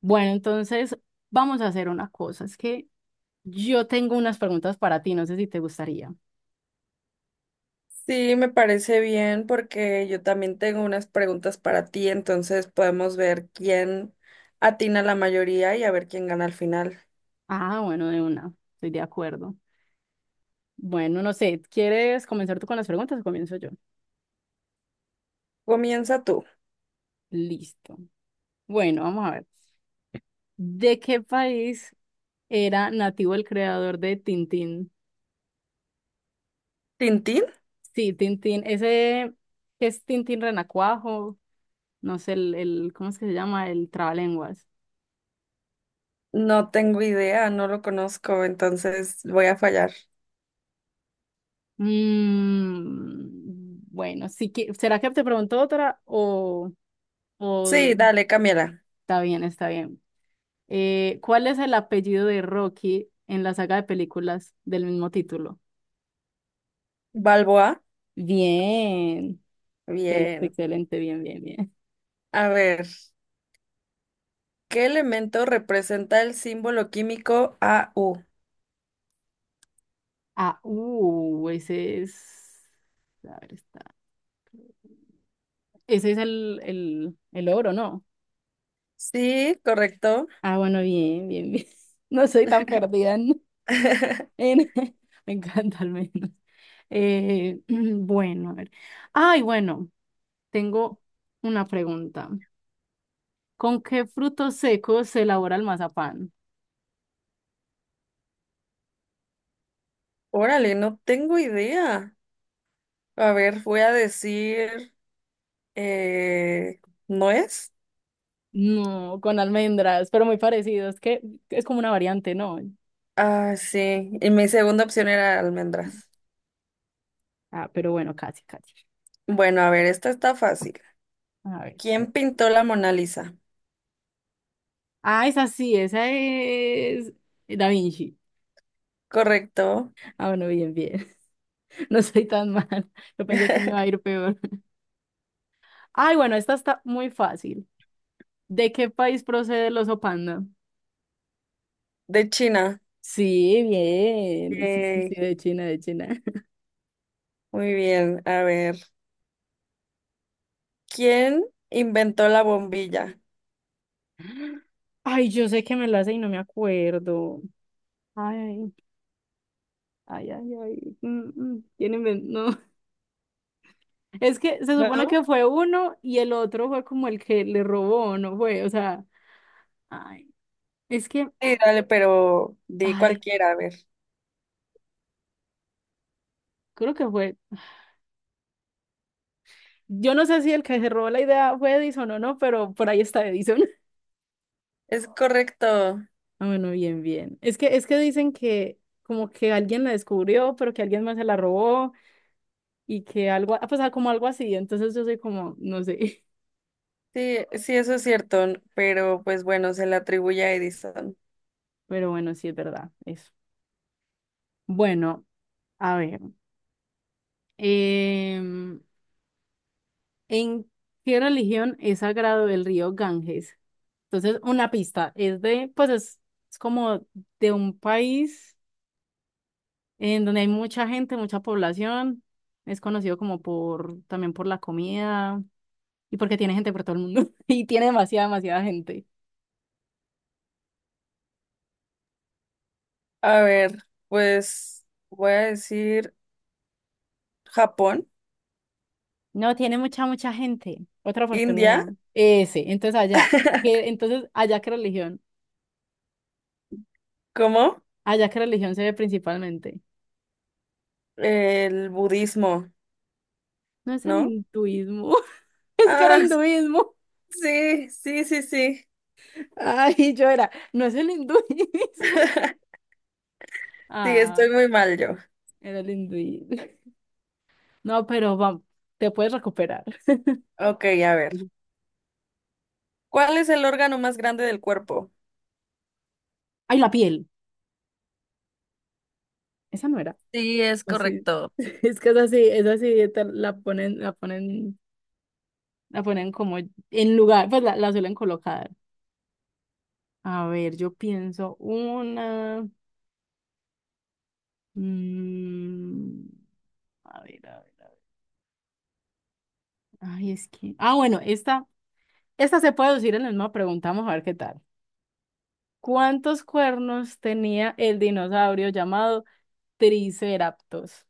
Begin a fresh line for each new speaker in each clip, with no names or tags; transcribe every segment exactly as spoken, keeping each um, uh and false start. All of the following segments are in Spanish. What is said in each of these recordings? Bueno, entonces vamos a hacer una cosa. Es que yo tengo unas preguntas para ti, no sé si te gustaría.
Sí, me parece bien porque yo también tengo unas preguntas para ti, entonces podemos ver quién atina la mayoría y a ver quién gana al final.
Ah, bueno, de una, estoy de acuerdo. Bueno, no sé, ¿quieres comenzar tú con las preguntas o comienzo yo?
Comienza tú.
Listo. Bueno, vamos a ver. ¿De qué país era nativo el creador de Tintín?
¿Tintín?
Sí, Tintín, ese que es Tintín Renacuajo, no sé, el, el, ¿cómo es que se llama? El trabalenguas.
No tengo idea, no lo conozco, entonces voy a fallar.
Mm, bueno, sí que, ¿será que te pregunto otra o, o
Sí, dale, Camila.
está bien, está bien? Eh, ¿cuál es el apellido de Rocky en la saga de películas del mismo título?
¿Balboa?
Bien, excelente,
Bien.
excelente, bien, bien, bien.
A ver, ¿qué elemento representa el símbolo químico A U?
Ah, uh, ese es, a ver, está. Ese es el, el, el oro, ¿no?
Sí, correcto.
Ah, bueno, bien, bien, bien. No soy tan perdida. En- Me encanta al menos. Eh, bueno, a ver. Ay, bueno, tengo una pregunta. ¿Con qué frutos secos se elabora el mazapán?
Órale, no tengo idea. A ver, voy a decir. Eh, ¿no es?
No, con almendras, pero muy parecido. Es que es como una variante, ¿no?
Ah, sí. Y mi segunda opción era almendras.
Ah, pero bueno, casi, casi.
Bueno, a ver, esta está fácil.
A ver.
¿Quién pintó la Mona Lisa?
Ah, esa sí, esa es Da Vinci.
Correcto.
Ah, bueno, bien, bien. No soy tan mal. Yo pensé que me iba a ir peor. Ay, bueno, esta está muy fácil. ¿De qué país procede el oso panda?
De China.
Sí, bien. Sí, sí, sí,
Yay.
de China, de China.
Muy bien. A ver, ¿quién inventó la bombilla?
Ay, yo sé que me la sé y no me acuerdo. Ay, ay, ay, ay. mm, mm, tiene men- No, es que se supone
¿No?
que fue uno y el otro fue como el que le robó, ¿no fue? O sea, ay, es que,
Sí, dale, pero di
ay,
cualquiera, a ver.
creo que fue. Yo no sé si el que se robó la idea fue Edison o no, pero por ahí está Edison.
Es correcto.
Ah, bueno, bien, bien. Es que, es que dicen que como que alguien la descubrió, pero que alguien más se la robó. Y que algo, ah, pues ah, como algo así, entonces yo soy como, no sé,
Sí, sí, eso es cierto, pero pues bueno, se le atribuye a Edison.
pero bueno, sí es verdad, eso. Bueno, a ver, em, ¿en qué religión es sagrado el río Ganges? Entonces, una pista, es de, pues es, es como de un país en donde hay mucha gente, mucha población, es conocido como por, también por la comida y porque tiene gente por todo el mundo y tiene demasiada, demasiada gente.
A ver, pues voy a decir Japón,
No, tiene mucha, mucha gente. Otra
India.
oportunidad. Ese, entonces allá, ¿qué- entonces allá qué religión,
¿Cómo?
allá qué religión se ve principalmente.
El budismo,
No es el
¿no?
hinduismo, es que era
Ah,
hinduismo.
sí, sí, sí, sí.
Ay, yo era, no es el hinduismo.
Sí,
Ah,
estoy muy mal yo.
era el hinduismo. No, pero vamos, te puedes recuperar.
Ok, a ver. ¿Cuál es el órgano más grande del cuerpo?
Ay, la piel, esa no era.
Sí, es
O sí,
correcto.
es que esa sí, esa sí, esta la ponen, la ponen, la ponen como en lugar, pues la, la suelen colocar. A ver, yo pienso una. mm, a ver, a ver, a ver. Ay, es que. Ah, bueno, esta, esta se puede decir en la misma pregunta. Vamos a ver qué tal. ¿Cuántos cuernos tenía el dinosaurio llamado Triceratops?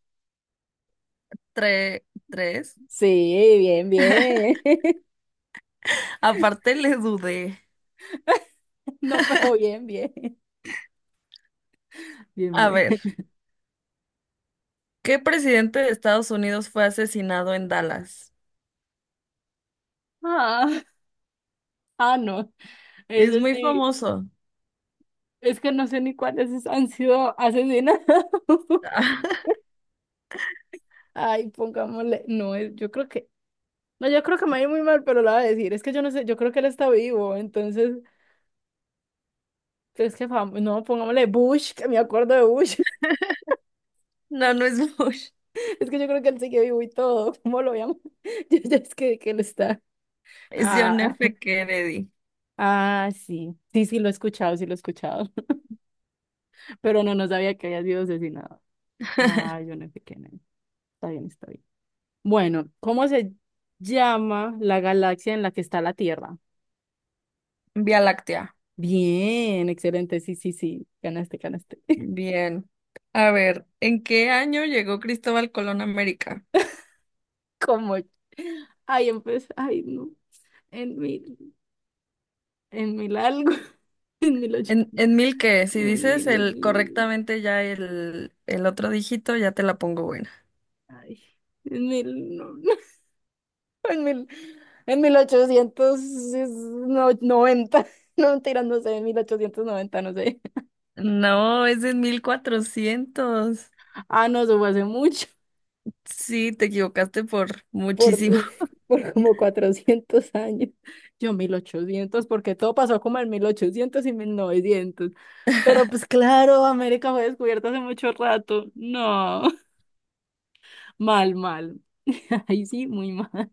Tres, tres.
Sí, bien, bien.
Aparte le dudé.
No, pero bien, bien. Bien,
A
bien.
ver, ¿qué presidente de Estados Unidos fue asesinado en Dallas?
Ah, ah, no. Es
Es muy
decir,
famoso.
es que no sé ni cuáles han sido asesinados. Ay, pongámosle. No, es- yo creo que. No, yo creo que me va a ir muy mal, pero la voy a decir. Es que yo no sé, yo creo que él está vivo, entonces, es que fam- no, pongámosle Bush, que me acuerdo de Bush.
No, no es Bush.
Es que yo creo que él sigue vivo y todo. ¿Cómo lo llamo? Yo ya es que, que él está.
Es John
Ah,
F. Kennedy.
ah, sí. Sí, sí, lo he escuchado, sí lo he escuchado. Pero no, no sabía que había sido asesinado. Ah, yo no sé quién es. Está bien, está bien. Bueno, ¿cómo se llama la galaxia en la que está la Tierra?
Vía Láctea.
Bien, excelente. Sí, sí, sí. Ganaste, ganaste.
Bien. A ver, ¿en qué año llegó Cristóbal Colón a América?
Como, ay, empecé, ay, no, en mil, en mil algo, en mil ocho,
¿En, en mil qué? Si
en
dices
mil
el
ocho,
correctamente ya el, el otro dígito, ya te la pongo buena.
ay, en mil, no, en mil, en mil ochocientos no- noventa, no, mentira, no sé, en mil ochocientos noventa, no sé.
No, es en mil cuatrocientos.
Ah, no, eso fue hace mucho,
Sí, te equivocaste por
por,
muchísimo.
uf, por como cuatrocientos años. Yo mil ochocientos, porque todo pasó como en mil ochocientos y mil novecientos. Pero pues claro, América fue descubierta hace mucho rato. No. Mal, mal. Ahí sí, muy mal.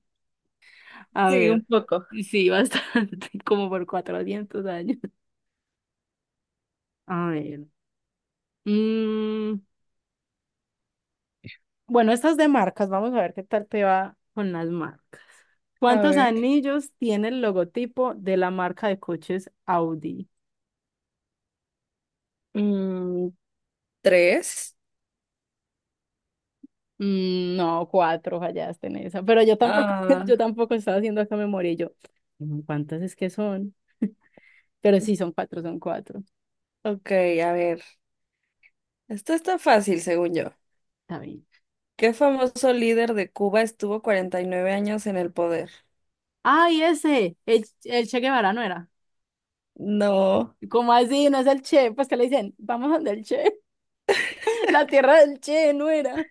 A
Sí, un
ver,
poco.
sí, bastante, como por cuatrocientos años. A ver. mm, bueno, estas es de marcas, vamos a ver qué tal te va con las marcas.
A
¿Cuántos
ver.
anillos tiene el logotipo de la marca de coches Audi?
mm, tres.
Mm, no, cuatro, fallaste en esa, pero yo tampoco,
Ah,
yo tampoco estaba haciendo acá memoria y yo, "Mm, ¿cuántas es que son? Pero sí, son cuatro, son cuatro.
ok, a ver. Esto está fácil, según yo.
Está bien.
¿Qué famoso líder de Cuba estuvo cuarenta y nueve años en el poder?
¡Ay, ese! El, el Che Guevara, ¿no era?
No,
¿Cómo así? ¿No es el Che? Pues que le dicen, vamos donde el Che. La tierra del Che, no era.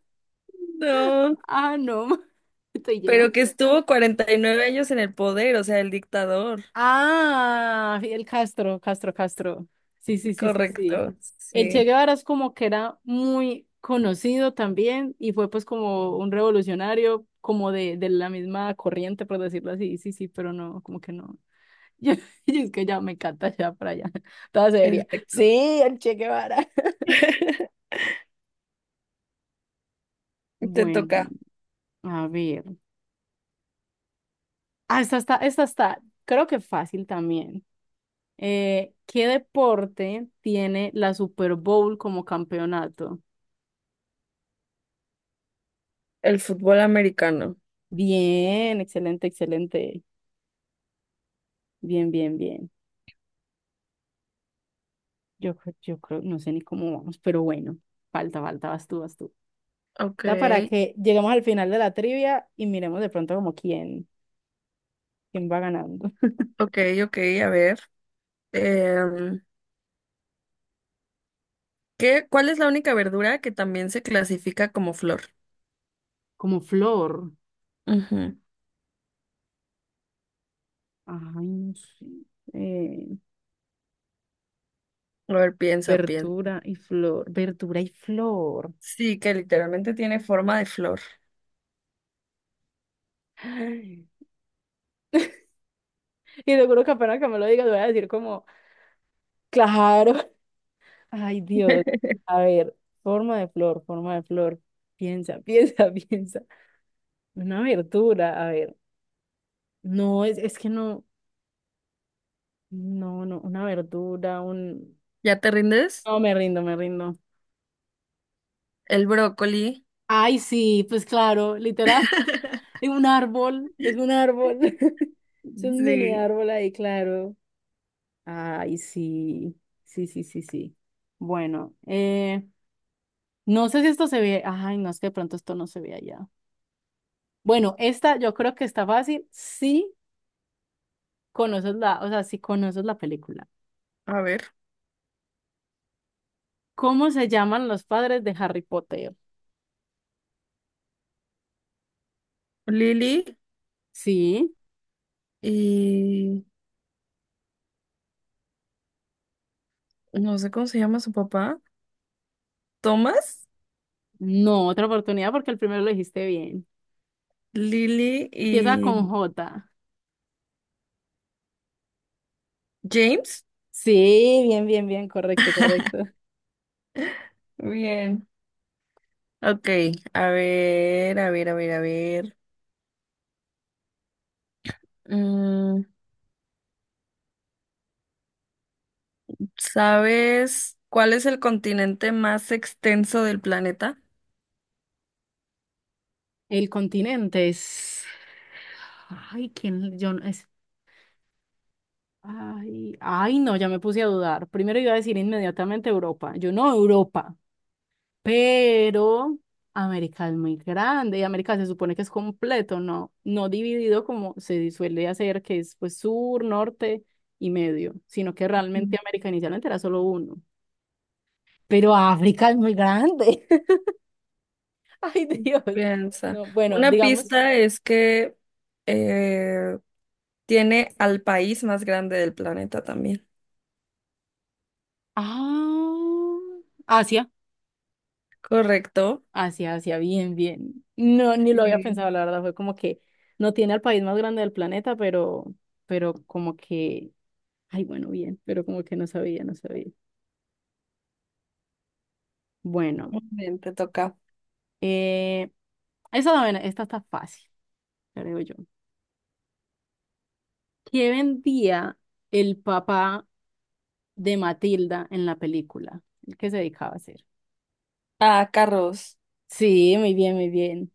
no.
Ah, no. Estoy
Pero
lleva.
que estuvo cuarenta y nueve años en el poder, o sea, el dictador.
Ah, Fidel Castro, Castro, Castro. Sí, sí, sí, sí, sí.
Correcto,
El Che
sí,
Guevara es como que era muy conocido también y fue pues como un revolucionario, como de, de la misma corriente, por decirlo así. Sí, sí, pero no, como que no. Yo, yo es que ya me encanta ya para allá. Toda seria.
exacto.
Sí, el Che Guevara.
Te
Bueno,
toca
a ver. Ah, esta está, esta está, creo que fácil también. Eh, ¿qué deporte tiene la Super Bowl como campeonato?
el fútbol americano.
Bien, excelente, excelente. Bien, bien, bien. Yo, cre- yo creo, no sé ni cómo vamos, pero bueno, falta, falta, vas tú, vas tú.
Ok,
Está para que lleguemos al final de la trivia y miremos de pronto como quién, quién va ganando.
ok, ok, a ver. Em, ¿qué, cuál es la única verdura que también se clasifica como flor?
Como flor.
Ujú.
Ay, no sé. Eh,
A ver, piensa, piensa.
verdura y flor, verdura y flor.
Sí, que literalmente tiene forma de flor.
Y seguro que apenas que me lo digas voy a decir como, claro, ay Dios, a ver, forma de flor, forma de flor, piensa, piensa, piensa. Una verdura, a ver, no, es, es que no, no, no, una verdura, un...
¿Ya te rindes?
No, me rindo, me rindo.
El brócoli.
Ay, sí, pues claro, literal, es un árbol, es un árbol, es un mini
Sí.
árbol ahí, claro. Ay, sí, sí, sí, sí, sí. Bueno, eh, no sé si esto se ve. Ay, no, es que de pronto esto no se ve allá. Bueno, esta yo creo que está fácil si conoces la, o sea, si conoces la película.
A ver,
¿Cómo se llaman los padres de Harry Potter?
Lili
Sí,
y no sé cómo se llama su papá, Thomas,
no, otra oportunidad porque el primero lo dijiste bien.
Lily
Empieza con
y
jota.
James.
Sí, bien, bien, bien, correcto, correcto.
Bien. Ok, a ver, a ver, a ver, a ver. Mm, ¿sabes cuál es el continente más extenso del planeta?
El continente es. Ay, ¿quién? Yo no- es. Ay, ay, no, ya me puse a dudar. Primero iba a decir inmediatamente Europa. Yo no, Europa. Pero América es muy grande y América se supone que es completo, ¿no? No dividido como se suele hacer, que es pues sur, norte y medio, sino que
Mm.
realmente América inicialmente era solo uno. Pero África es muy grande. Ay, Dios.
Piensa.
No, bueno,
Una
digamos,
pista es que eh, tiene al país más grande del planeta también.
ah, Asia.
Correcto.
Asia, Asia, bien, bien. No, ni lo había
Sí,
pensado, la verdad, fue como que no tiene al país más grande del planeta, pero, pero como que, ay, bueno, bien, pero como que no sabía, no sabía. Bueno,
muy bien, te toca.
eh, esa, bueno, esta está fácil, creo yo. ¿Qué vendía el papá de Matilda en la película? ¿El que se dedicaba a hacer?
Ah, carros,
Sí, muy bien, muy bien,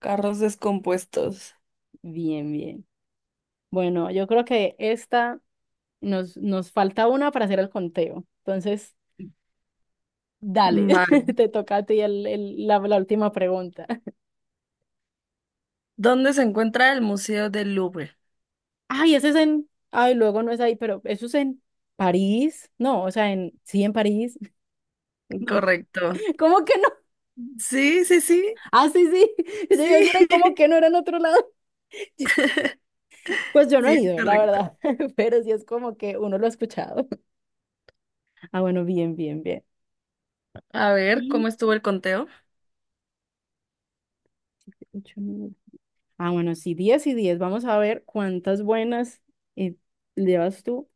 carros descompuestos.
bien, bien. Bueno, yo creo que esta nos, nos falta una para hacer el conteo. Entonces... Dale,
Vale.
te toca a ti el, el- la, la última pregunta.
¿Dónde se encuentra el Museo del Louvre?
Ay, ese es en... Ay, luego no es ahí, pero eso es en París. No, o sea, en... Sí, en París. No.
Correcto.
¿Cómo que no?
Sí, sí, sí,
Ah, sí, sí. Yo iba
sí,
a decir, ay, ¿cómo que no era en otro lado? Pues yo no
sí,
he
es
ido, la
correcto.
verdad. Pero sí es como que uno lo ha escuchado. Ah, bueno, bien, bien, bien.
A ver,
Y
¿cómo estuvo el conteo?
siete, ocho, nueve. Ah, bueno, sí, diez y diez. Vamos a ver cuántas buenas eh, llevas tú.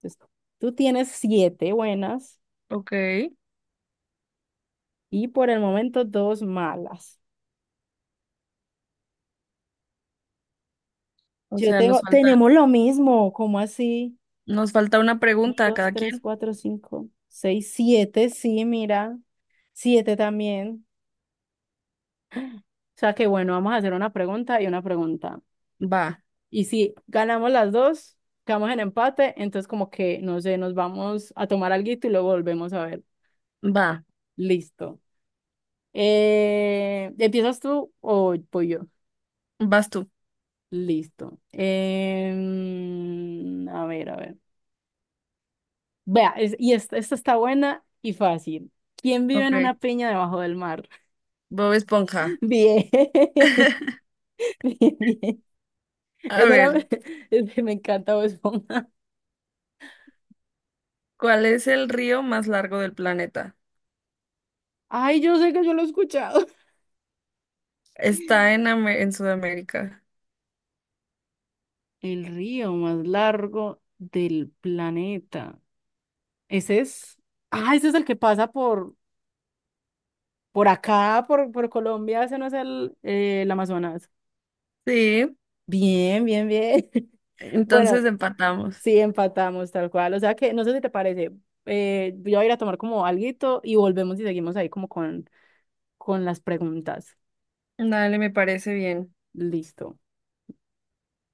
Pues, tú tienes siete buenas.
Ok,
Y por el momento, dos malas.
o
Yo
sea,
tengo,
nos falta,
tenemos lo mismo, ¿cómo así?
nos falta una
Un,
pregunta a
dos,
cada
tres,
quien.
cuatro, cinco, seis, siete, sí, mira. Siete también. O sea que bueno, vamos a hacer una pregunta y una pregunta.
Va,
Y si ganamos las dos, quedamos en empate, entonces como que, no sé, nos vamos a tomar alguito y luego volvemos a ver.
va,
Listo. Eh, ¿empiezas tú o voy yo?
vas tú.
Listo. Em, a ver, a ver. Vea, es- y esta, esta está buena y fácil. ¿Quién vive
Ok,
en una piña debajo del mar?
Bob Esponja.
Bien, bien, bien.
A
Esa era,
ver,
es que me encanta Bob Esponja.
¿cuál es el río más largo del planeta?
Ay, yo sé que yo lo he escuchado.
Está en, Ame- en Sudamérica.
El río más largo del planeta. Ese es. Ah, ese es el que pasa por, por acá, por, por Colombia. Ese no es el, eh, el Amazonas.
Sí,
Bien, bien, bien. Bueno,
entonces empatamos.
sí, empatamos tal cual. O sea que, no sé si te parece, eh, yo voy a ir a tomar como alguito y volvemos y seguimos ahí como con, con, las preguntas.
Dale, me parece bien.
Listo.